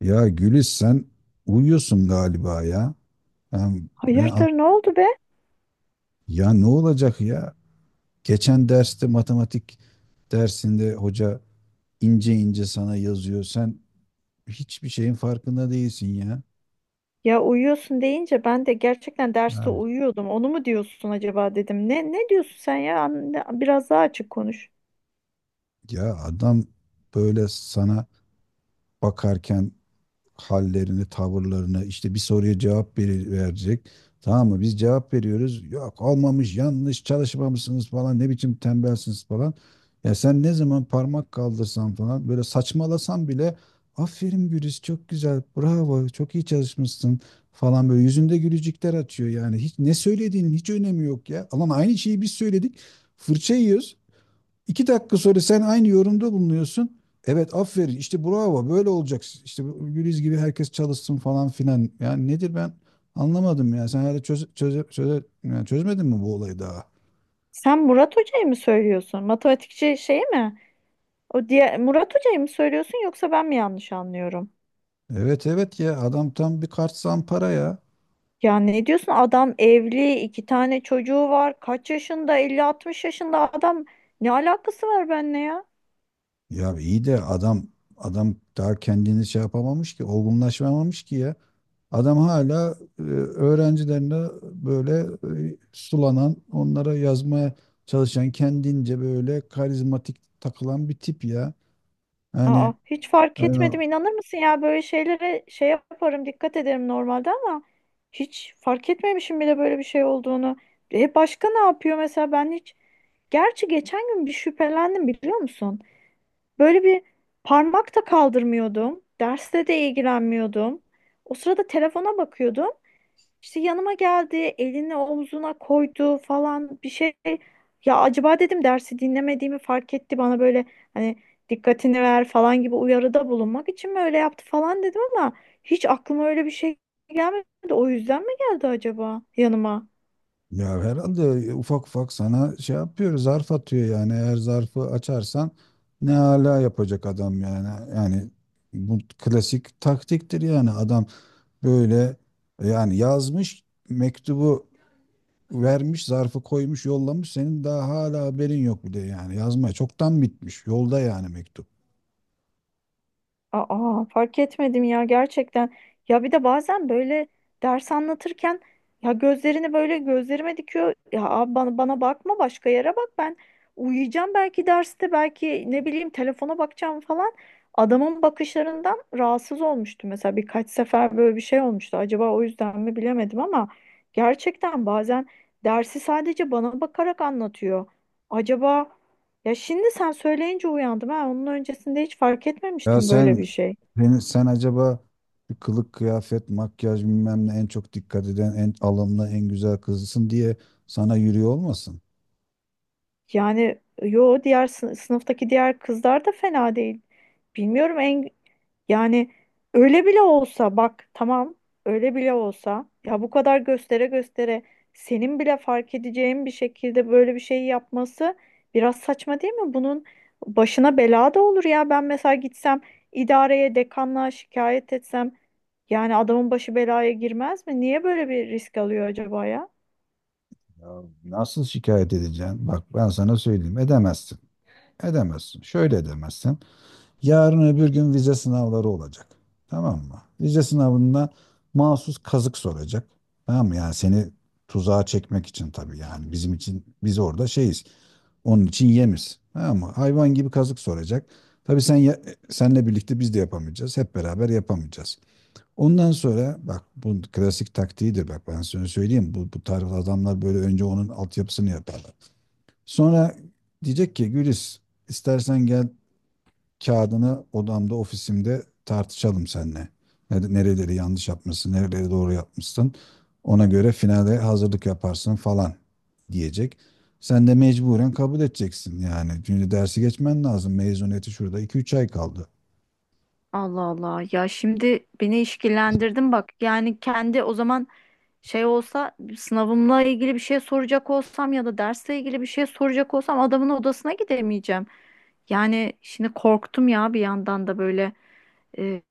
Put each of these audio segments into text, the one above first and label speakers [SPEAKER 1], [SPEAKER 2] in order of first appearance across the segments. [SPEAKER 1] Ya Gülis sen uyuyorsun galiba ya. Ben- ben-
[SPEAKER 2] Hayırdır ne oldu be?
[SPEAKER 1] ya ne olacak ya? Geçen derste matematik dersinde hoca ince ince sana yazıyor. Sen hiçbir şeyin farkında değilsin ya.
[SPEAKER 2] Ya uyuyorsun deyince ben de gerçekten
[SPEAKER 1] Ha,
[SPEAKER 2] derste uyuyordum. Onu mu diyorsun acaba dedim. Ne diyorsun sen ya? Anne, biraz daha açık konuş.
[SPEAKER 1] ya adam böyle sana bakarken hallerini, tavırlarını, işte bir soruya cevap verecek. Tamam mı? Biz cevap veriyoruz. Yok olmamış, yanlış, çalışmamışsınız falan, ne biçim tembelsiniz falan. Ya sen ne zaman parmak kaldırsan falan böyle saçmalasan bile aferin Güliz çok güzel, bravo, çok iyi çalışmışsın falan böyle yüzünde gülücükler açıyor yani. Hiç ne söylediğinin hiç önemi yok ya. Alan aynı şeyi biz söyledik. Fırça yiyoruz. 2 dakika sonra sen aynı yorumda bulunuyorsun. Evet aferin işte bravo böyle olacak. İşte bu Güliz gibi herkes çalışsın falan filan. Yani nedir ben anlamadım ya. Sen hala çöz, yani çözmedin mi bu olayı daha?
[SPEAKER 2] Sen Murat Hoca'yı mı söylüyorsun? Matematikçi şey mi? O diye Murat Hoca'yı mı söylüyorsun yoksa ben mi yanlış anlıyorum?
[SPEAKER 1] Evet evet ya adam tam bir kart zampara ya.
[SPEAKER 2] Ya ne diyorsun? Adam evli, iki tane çocuğu var. Kaç yaşında? Elli 60 yaşında adam. Ne alakası var benimle ya?
[SPEAKER 1] Ya iyi de adam daha kendini şey yapamamış ki olgunlaşmamış ki ya. Adam hala öğrencilerine böyle sulanan, onlara yazmaya çalışan, kendince böyle karizmatik takılan bir tip ya.
[SPEAKER 2] Aa,
[SPEAKER 1] Yani
[SPEAKER 2] hiç
[SPEAKER 1] e,
[SPEAKER 2] fark etmedim. İnanır mısın ya böyle şeylere şey yaparım, dikkat ederim normalde ama hiç fark etmemişim bile böyle bir şey olduğunu. E başka ne yapıyor mesela ben hiç. Gerçi geçen gün bir şüphelendim biliyor musun? Böyle bir parmak da kaldırmıyordum. Derste de ilgilenmiyordum. O sırada telefona bakıyordum. İşte yanıma geldi, elini omzuna koydu falan bir şey. Ya acaba dedim dersi dinlemediğimi fark etti, bana böyle hani dikkatini ver falan gibi uyarıda bulunmak için mi öyle yaptı falan dedim, ama hiç aklıma öyle bir şey gelmedi. O yüzden mi geldi acaba yanıma?
[SPEAKER 1] ya herhalde ufak ufak sana şey yapıyor, zarf atıyor yani. Eğer zarfı açarsan ne hala yapacak adam yani. Yani bu klasik taktiktir yani adam böyle yani yazmış mektubu vermiş, zarfı koymuş, yollamış. Senin daha hala haberin yok bile yani. Yazmaya çoktan bitmiş. Yolda yani mektup.
[SPEAKER 2] Aa, fark etmedim ya gerçekten. Ya bir de bazen böyle ders anlatırken ya gözlerini böyle gözlerime dikiyor. Ya abi bana bakma, başka yere bak, ben uyuyacağım belki derste, belki ne bileyim telefona bakacağım falan. Adamın bakışlarından rahatsız olmuştu mesela, birkaç sefer böyle bir şey olmuştu. Acaba o yüzden mi, bilemedim, ama gerçekten bazen dersi sadece bana bakarak anlatıyor. Acaba, ya şimdi sen söyleyince uyandım ha. Onun öncesinde hiç fark
[SPEAKER 1] Ya
[SPEAKER 2] etmemiştim böyle
[SPEAKER 1] sen
[SPEAKER 2] bir şey.
[SPEAKER 1] sen, sen acaba şu kılık, kıyafet, makyaj bilmem ne en çok dikkat eden, en alımlı, en güzel kızısın diye sana yürüyor olmasın?
[SPEAKER 2] Yani yo, diğer sınıftaki diğer kızlar da fena değil. Bilmiyorum en, yani öyle bile olsa bak, tamam, öyle bile olsa ya bu kadar göstere göstere, senin bile fark edeceğin bir şekilde böyle bir şey yapması biraz saçma değil mi? Bunun başına bela da olur ya. Ben mesela gitsem, idareye dekanlığa şikayet etsem, yani adamın başı belaya girmez mi? Niye böyle bir risk alıyor acaba ya?
[SPEAKER 1] Ya nasıl şikayet edeceksin? Bak ben sana söyleyeyim. Edemezsin. Edemezsin. Şöyle edemezsin. Yarın öbür gün vize sınavları olacak. Tamam mı? Vize sınavında mahsus kazık soracak. Tamam mı? Yani seni tuzağa çekmek için tabii yani bizim için biz orada şeyiz. Onun için yemiz. Tamam mı? Hayvan gibi kazık soracak. Tabii sen senle birlikte biz de yapamayacağız. Hep beraber yapamayacağız. Ondan sonra bak bu klasik taktiğidir bak ben sana söyleyeyim. Bu tarz adamlar böyle önce onun altyapısını yaparlar. Sonra diyecek ki Gülis istersen gel kağıdını odamda, ofisimde tartışalım seninle. Nereleri yanlış yapmışsın, nereleri doğru yapmışsın. Ona göre finale hazırlık yaparsın falan diyecek. Sen de mecburen kabul edeceksin yani. Çünkü dersi geçmen lazım. Mezuniyeti şurada 2-3 ay kaldı.
[SPEAKER 2] Allah Allah, ya şimdi beni işkillendirdin bak, yani kendi o zaman şey olsa, sınavımla ilgili bir şey soracak olsam ya da dersle ilgili bir şey soracak olsam, adamın odasına gidemeyeceğim. Yani şimdi korktum ya, bir yandan da böyle. Ee,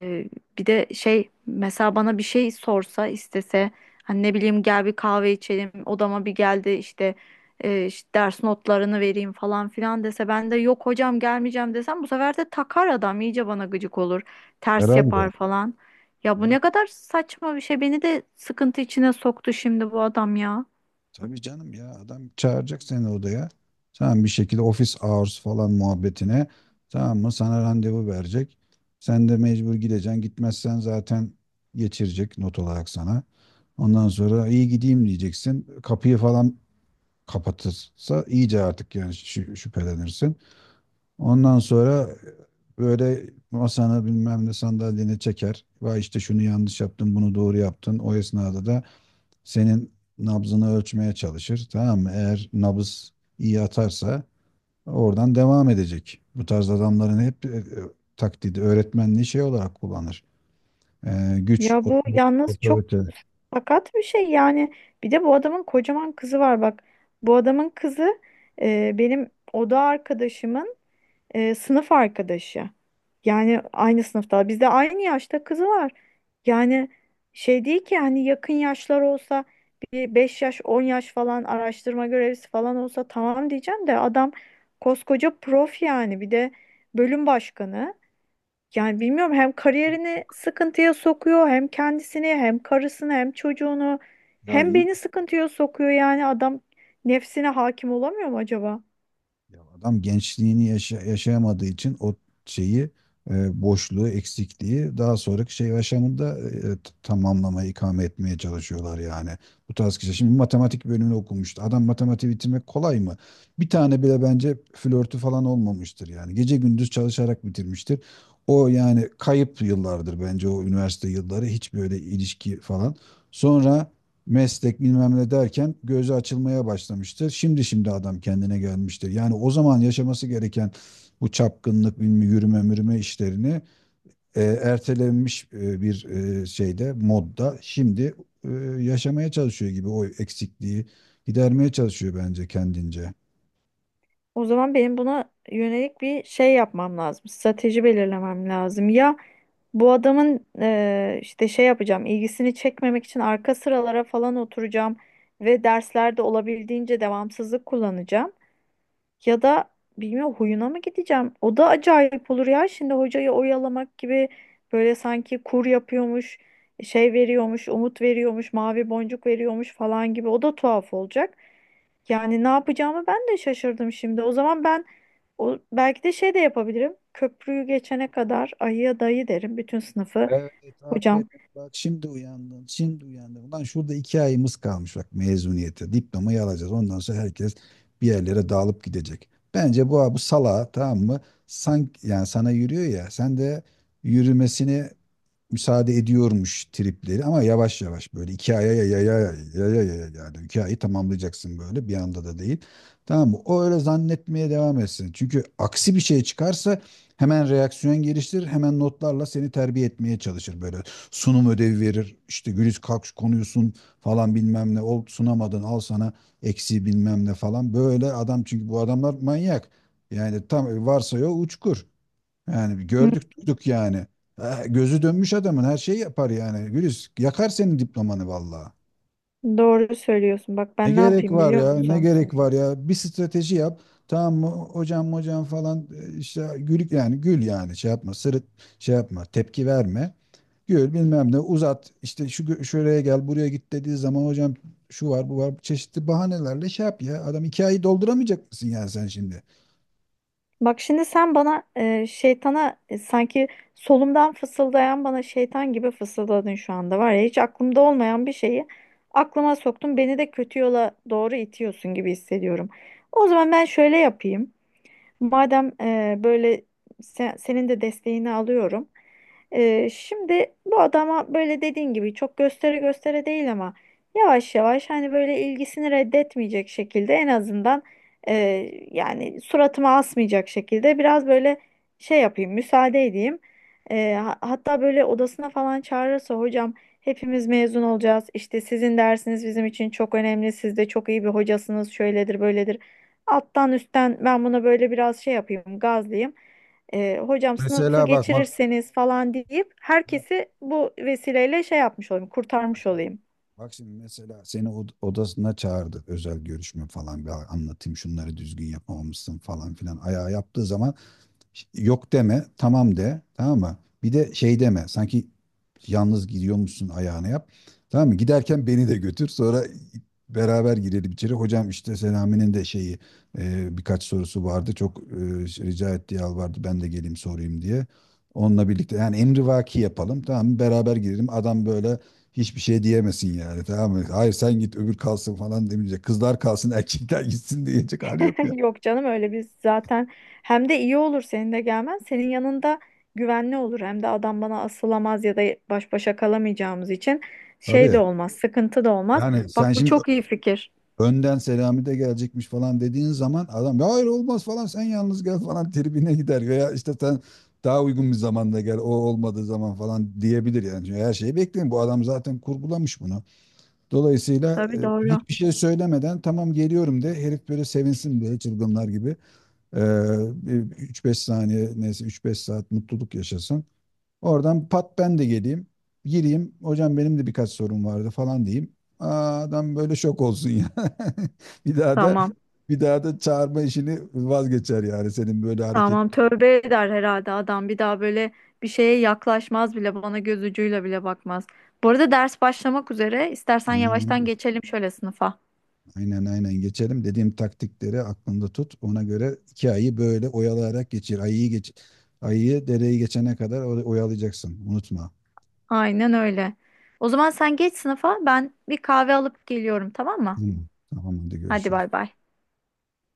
[SPEAKER 2] Bir de şey, mesela bana bir şey sorsa, istese, hani ne bileyim, gel bir kahve içelim odama, bir geldi işte, işte ders notlarını vereyim falan filan dese, ben de yok hocam gelmeyeceğim desem, bu sefer de takar adam, iyice bana gıcık olur, ters
[SPEAKER 1] Herhalde.
[SPEAKER 2] yapar falan. Ya bu
[SPEAKER 1] Herhalde.
[SPEAKER 2] ne kadar saçma bir şey. Beni de sıkıntı içine soktu şimdi bu adam ya.
[SPEAKER 1] Tabii canım ya adam çağıracak seni odaya. Tamam bir şekilde office hours falan muhabbetine. Tamam mı? Sana randevu verecek. Sen de mecbur gideceksin. Gitmezsen zaten geçirecek not olarak sana. Ondan sonra iyi gideyim diyeceksin. Kapıyı falan kapatırsa iyice artık yani şüphelenirsin. Ondan sonra böyle masanı bilmem ne sandalyeni çeker. Vay işte şunu yanlış yaptın, bunu doğru yaptın. O esnada da senin nabzını ölçmeye çalışır. Tamam mı? Eğer nabız iyi atarsa oradan devam edecek. Bu tarz adamların hep taktiği öğretmenliği şey olarak kullanır. Güç,
[SPEAKER 2] Ya bu yalnız çok
[SPEAKER 1] otorite.
[SPEAKER 2] sakat bir şey yani. Bir de bu adamın kocaman kızı var bak. Bu adamın kızı benim oda arkadaşımın sınıf arkadaşı. Yani aynı sınıfta. Bizde aynı yaşta kızı var. Yani şey değil ki, hani yakın yaşlar olsa, bir 5 yaş 10 yaş falan, araştırma görevlisi falan olsa tamam diyeceğim, de adam koskoca prof, yani bir de bölüm başkanı. Yani bilmiyorum, hem kariyerini sıkıntıya sokuyor, hem kendisini, hem karısını, hem çocuğunu,
[SPEAKER 1] Ya
[SPEAKER 2] hem
[SPEAKER 1] iyi
[SPEAKER 2] beni sıkıntıya sokuyor, yani adam nefsine hakim olamıyor mu acaba?
[SPEAKER 1] Ya adam gençliğini yaşayamadığı için o şeyi boşluğu, eksikliği daha sonraki şey yaşamında tamamlamaya, ikame etmeye çalışıyorlar yani. Bu tarz kişi. Şimdi matematik bölümünü okumuştu. Adam matematiği bitirmek kolay mı? Bir tane bile bence flörtü falan olmamıştır yani. Gece gündüz çalışarak bitirmiştir. O yani kayıp yıllardır bence o üniversite yılları. Hiç böyle ilişki falan. Sonra meslek bilmem ne derken gözü açılmaya başlamıştır. Şimdi adam kendine gelmiştir. Yani o zaman yaşaması gereken bu çapkınlık, bilmem yürüme mürüme işlerini ertelenmiş bir şeyde, modda şimdi e, yaşamaya çalışıyor gibi o eksikliği gidermeye çalışıyor bence kendince.
[SPEAKER 2] O zaman benim buna yönelik bir şey yapmam lazım. Strateji belirlemem lazım. Ya bu adamın işte şey yapacağım, ilgisini çekmemek için arka sıralara falan oturacağım ve derslerde olabildiğince devamsızlık kullanacağım. Ya da bilmiyorum, huyuna mı gideceğim? O da acayip olur ya. Şimdi hocayı oyalamak gibi, böyle sanki kur yapıyormuş, şey veriyormuş, umut veriyormuş, mavi boncuk veriyormuş falan gibi. O da tuhaf olacak. Yani ne yapacağımı ben de şaşırdım şimdi. O zaman ben belki de şey de yapabilirim. Köprüyü geçene kadar ayıya dayı derim bütün sınıfı.
[SPEAKER 1] Evet, aferin.
[SPEAKER 2] Hocam.
[SPEAKER 1] Bak şimdi uyandın, şimdi uyandın. Ulan şurada 2 ayımız kalmış bak mezuniyete. Diplomayı alacağız. Ondan sonra herkes bir yerlere dağılıp gidecek. Bence bu sala tamam mı? Sanki yani sana yürüyor ya. Sen de yürümesini müsaade ediyormuş tripleri ama yavaş yavaş böyle 2 aya ya ya ya ya ya ya yani 2 ayı tamamlayacaksın böyle bir anda da değil. Tamam mı? O öyle zannetmeye devam etsin. Çünkü aksi bir şey çıkarsa hemen reaksiyon geliştirir, hemen notlarla seni terbiye etmeye çalışır böyle. Sunum ödevi verir, işte Güliz kalk şu konuyu sun falan bilmem ne, ol sunamadın al sana eksi bilmem ne falan. Böyle adam çünkü bu adamlar manyak. Yani tam varsa ya uçkur. Yani bir
[SPEAKER 2] Hı,
[SPEAKER 1] gördük duyduk yani. Ha, gözü dönmüş adamın her şeyi yapar yani. Güliz yakar senin diplomanı vallahi.
[SPEAKER 2] doğru söylüyorsun. Bak
[SPEAKER 1] Ne
[SPEAKER 2] ben ne
[SPEAKER 1] gerek
[SPEAKER 2] yapayım
[SPEAKER 1] var
[SPEAKER 2] biliyor
[SPEAKER 1] ya ne
[SPEAKER 2] musun?
[SPEAKER 1] gerek var ya bir strateji yap. Tamam mı hocam hocam falan işte gül yani gül yani şey yapma sırıt şey yapma tepki verme. Gör bilmem ne uzat işte şu şuraya gel buraya git dediği zaman hocam şu var bu var çeşitli bahanelerle şey yap ya adam 2 ayı dolduramayacak mısın yani sen şimdi?
[SPEAKER 2] Bak şimdi sen bana şeytana, sanki solumdan fısıldayan bana şeytan gibi fısıldadın şu anda, var ya hiç aklımda olmayan bir şeyi aklıma soktun. Beni de kötü yola doğru itiyorsun gibi hissediyorum. O zaman ben şöyle yapayım. Madem böyle senin de desteğini alıyorum. Şimdi bu adama böyle dediğin gibi çok göstere göstere değil, ama yavaş yavaş, hani böyle ilgisini reddetmeyecek şekilde en azından, e, yani suratıma asmayacak şekilde biraz böyle şey yapayım, müsaade edeyim. Hatta böyle odasına falan çağırırsa, hocam hepimiz mezun olacağız, İşte sizin dersiniz bizim için çok önemli, siz de çok iyi bir hocasınız, şöyledir böyledir. Alttan üstten ben buna böyle biraz şey yapayım, gazlayayım. Hocam sınıfı
[SPEAKER 1] Mesela bak bak
[SPEAKER 2] geçirirseniz falan deyip,
[SPEAKER 1] bak
[SPEAKER 2] herkesi bu vesileyle şey yapmış olayım, kurtarmış
[SPEAKER 1] şimdi
[SPEAKER 2] olayım.
[SPEAKER 1] bak şimdi mesela seni odasına çağırdı özel görüşme falan bir anlatayım şunları düzgün yapamamışsın falan filan ayağa yaptığı zaman yok deme, tamam de, tamam mı? Bir de şey deme, sanki yalnız gidiyormuşsun ayağını yap. Tamam mı? Giderken beni de götür, sonra beraber girelim içeri. Hocam işte Selami'nin de şeyi birkaç sorusu vardı. Çok rica etti, vardı, ben de geleyim sorayım diye. Onunla birlikte yani emrivaki yapalım, tamam mı? Beraber girelim. Adam böyle hiçbir şey diyemesin yani, tamam mı? Hayır sen git öbür kalsın falan demeyecek. Kızlar kalsın erkekler gitsin diyecek hali yok ya.
[SPEAKER 2] Yok canım öyle, biz zaten, hem de iyi olur senin de gelmen. Senin yanında güvenli olur, hem de adam bana asılamaz, ya da baş başa kalamayacağımız için şey de
[SPEAKER 1] Tabii.
[SPEAKER 2] olmaz, sıkıntı da olmaz.
[SPEAKER 1] Yani sen
[SPEAKER 2] Bak bu
[SPEAKER 1] şimdi
[SPEAKER 2] çok iyi fikir.
[SPEAKER 1] önden Selami de gelecekmiş falan dediğin zaman adam "Ya hayır olmaz falan sen yalnız gel falan" tribine gider veya işte sen daha uygun bir zamanda gel o olmadığı zaman falan diyebilir yani. Çünkü her şeyi bekleyin bu adam zaten kurgulamış bunu. Dolayısıyla
[SPEAKER 2] Tabii, doğru.
[SPEAKER 1] hiçbir şey söylemeden tamam geliyorum de herif böyle sevinsin diye çılgınlar gibi e, 3-5 saniye neyse 3-5 saat mutluluk yaşasın. Oradan pat ben de geleyim. Gireyim. Hocam benim de birkaç sorum vardı falan diyeyim. Aa, adam böyle şok olsun ya. Bir daha da
[SPEAKER 2] Tamam.
[SPEAKER 1] bir daha da çağırma işini vazgeçer yani senin böyle hareket.
[SPEAKER 2] Tamam, tövbe eder herhalde adam, bir daha böyle bir şeye yaklaşmaz bile, bana göz ucuyla bile bakmaz. Bu arada ders başlamak üzere, istersen
[SPEAKER 1] Aynen
[SPEAKER 2] yavaştan geçelim şöyle sınıfa.
[SPEAKER 1] aynen aynen. Geçelim. Dediğim taktikleri aklında tut. Ona göre 2 ayı böyle oyalayarak geçir. Ayıyı dereyi geçene kadar oyalayacaksın. Unutma.
[SPEAKER 2] Aynen öyle. O zaman sen geç sınıfa, ben bir kahve alıp geliyorum, tamam
[SPEAKER 1] Hı,
[SPEAKER 2] mı?
[SPEAKER 1] tamam hadi
[SPEAKER 2] Hadi
[SPEAKER 1] görüşürüz.
[SPEAKER 2] bay bay.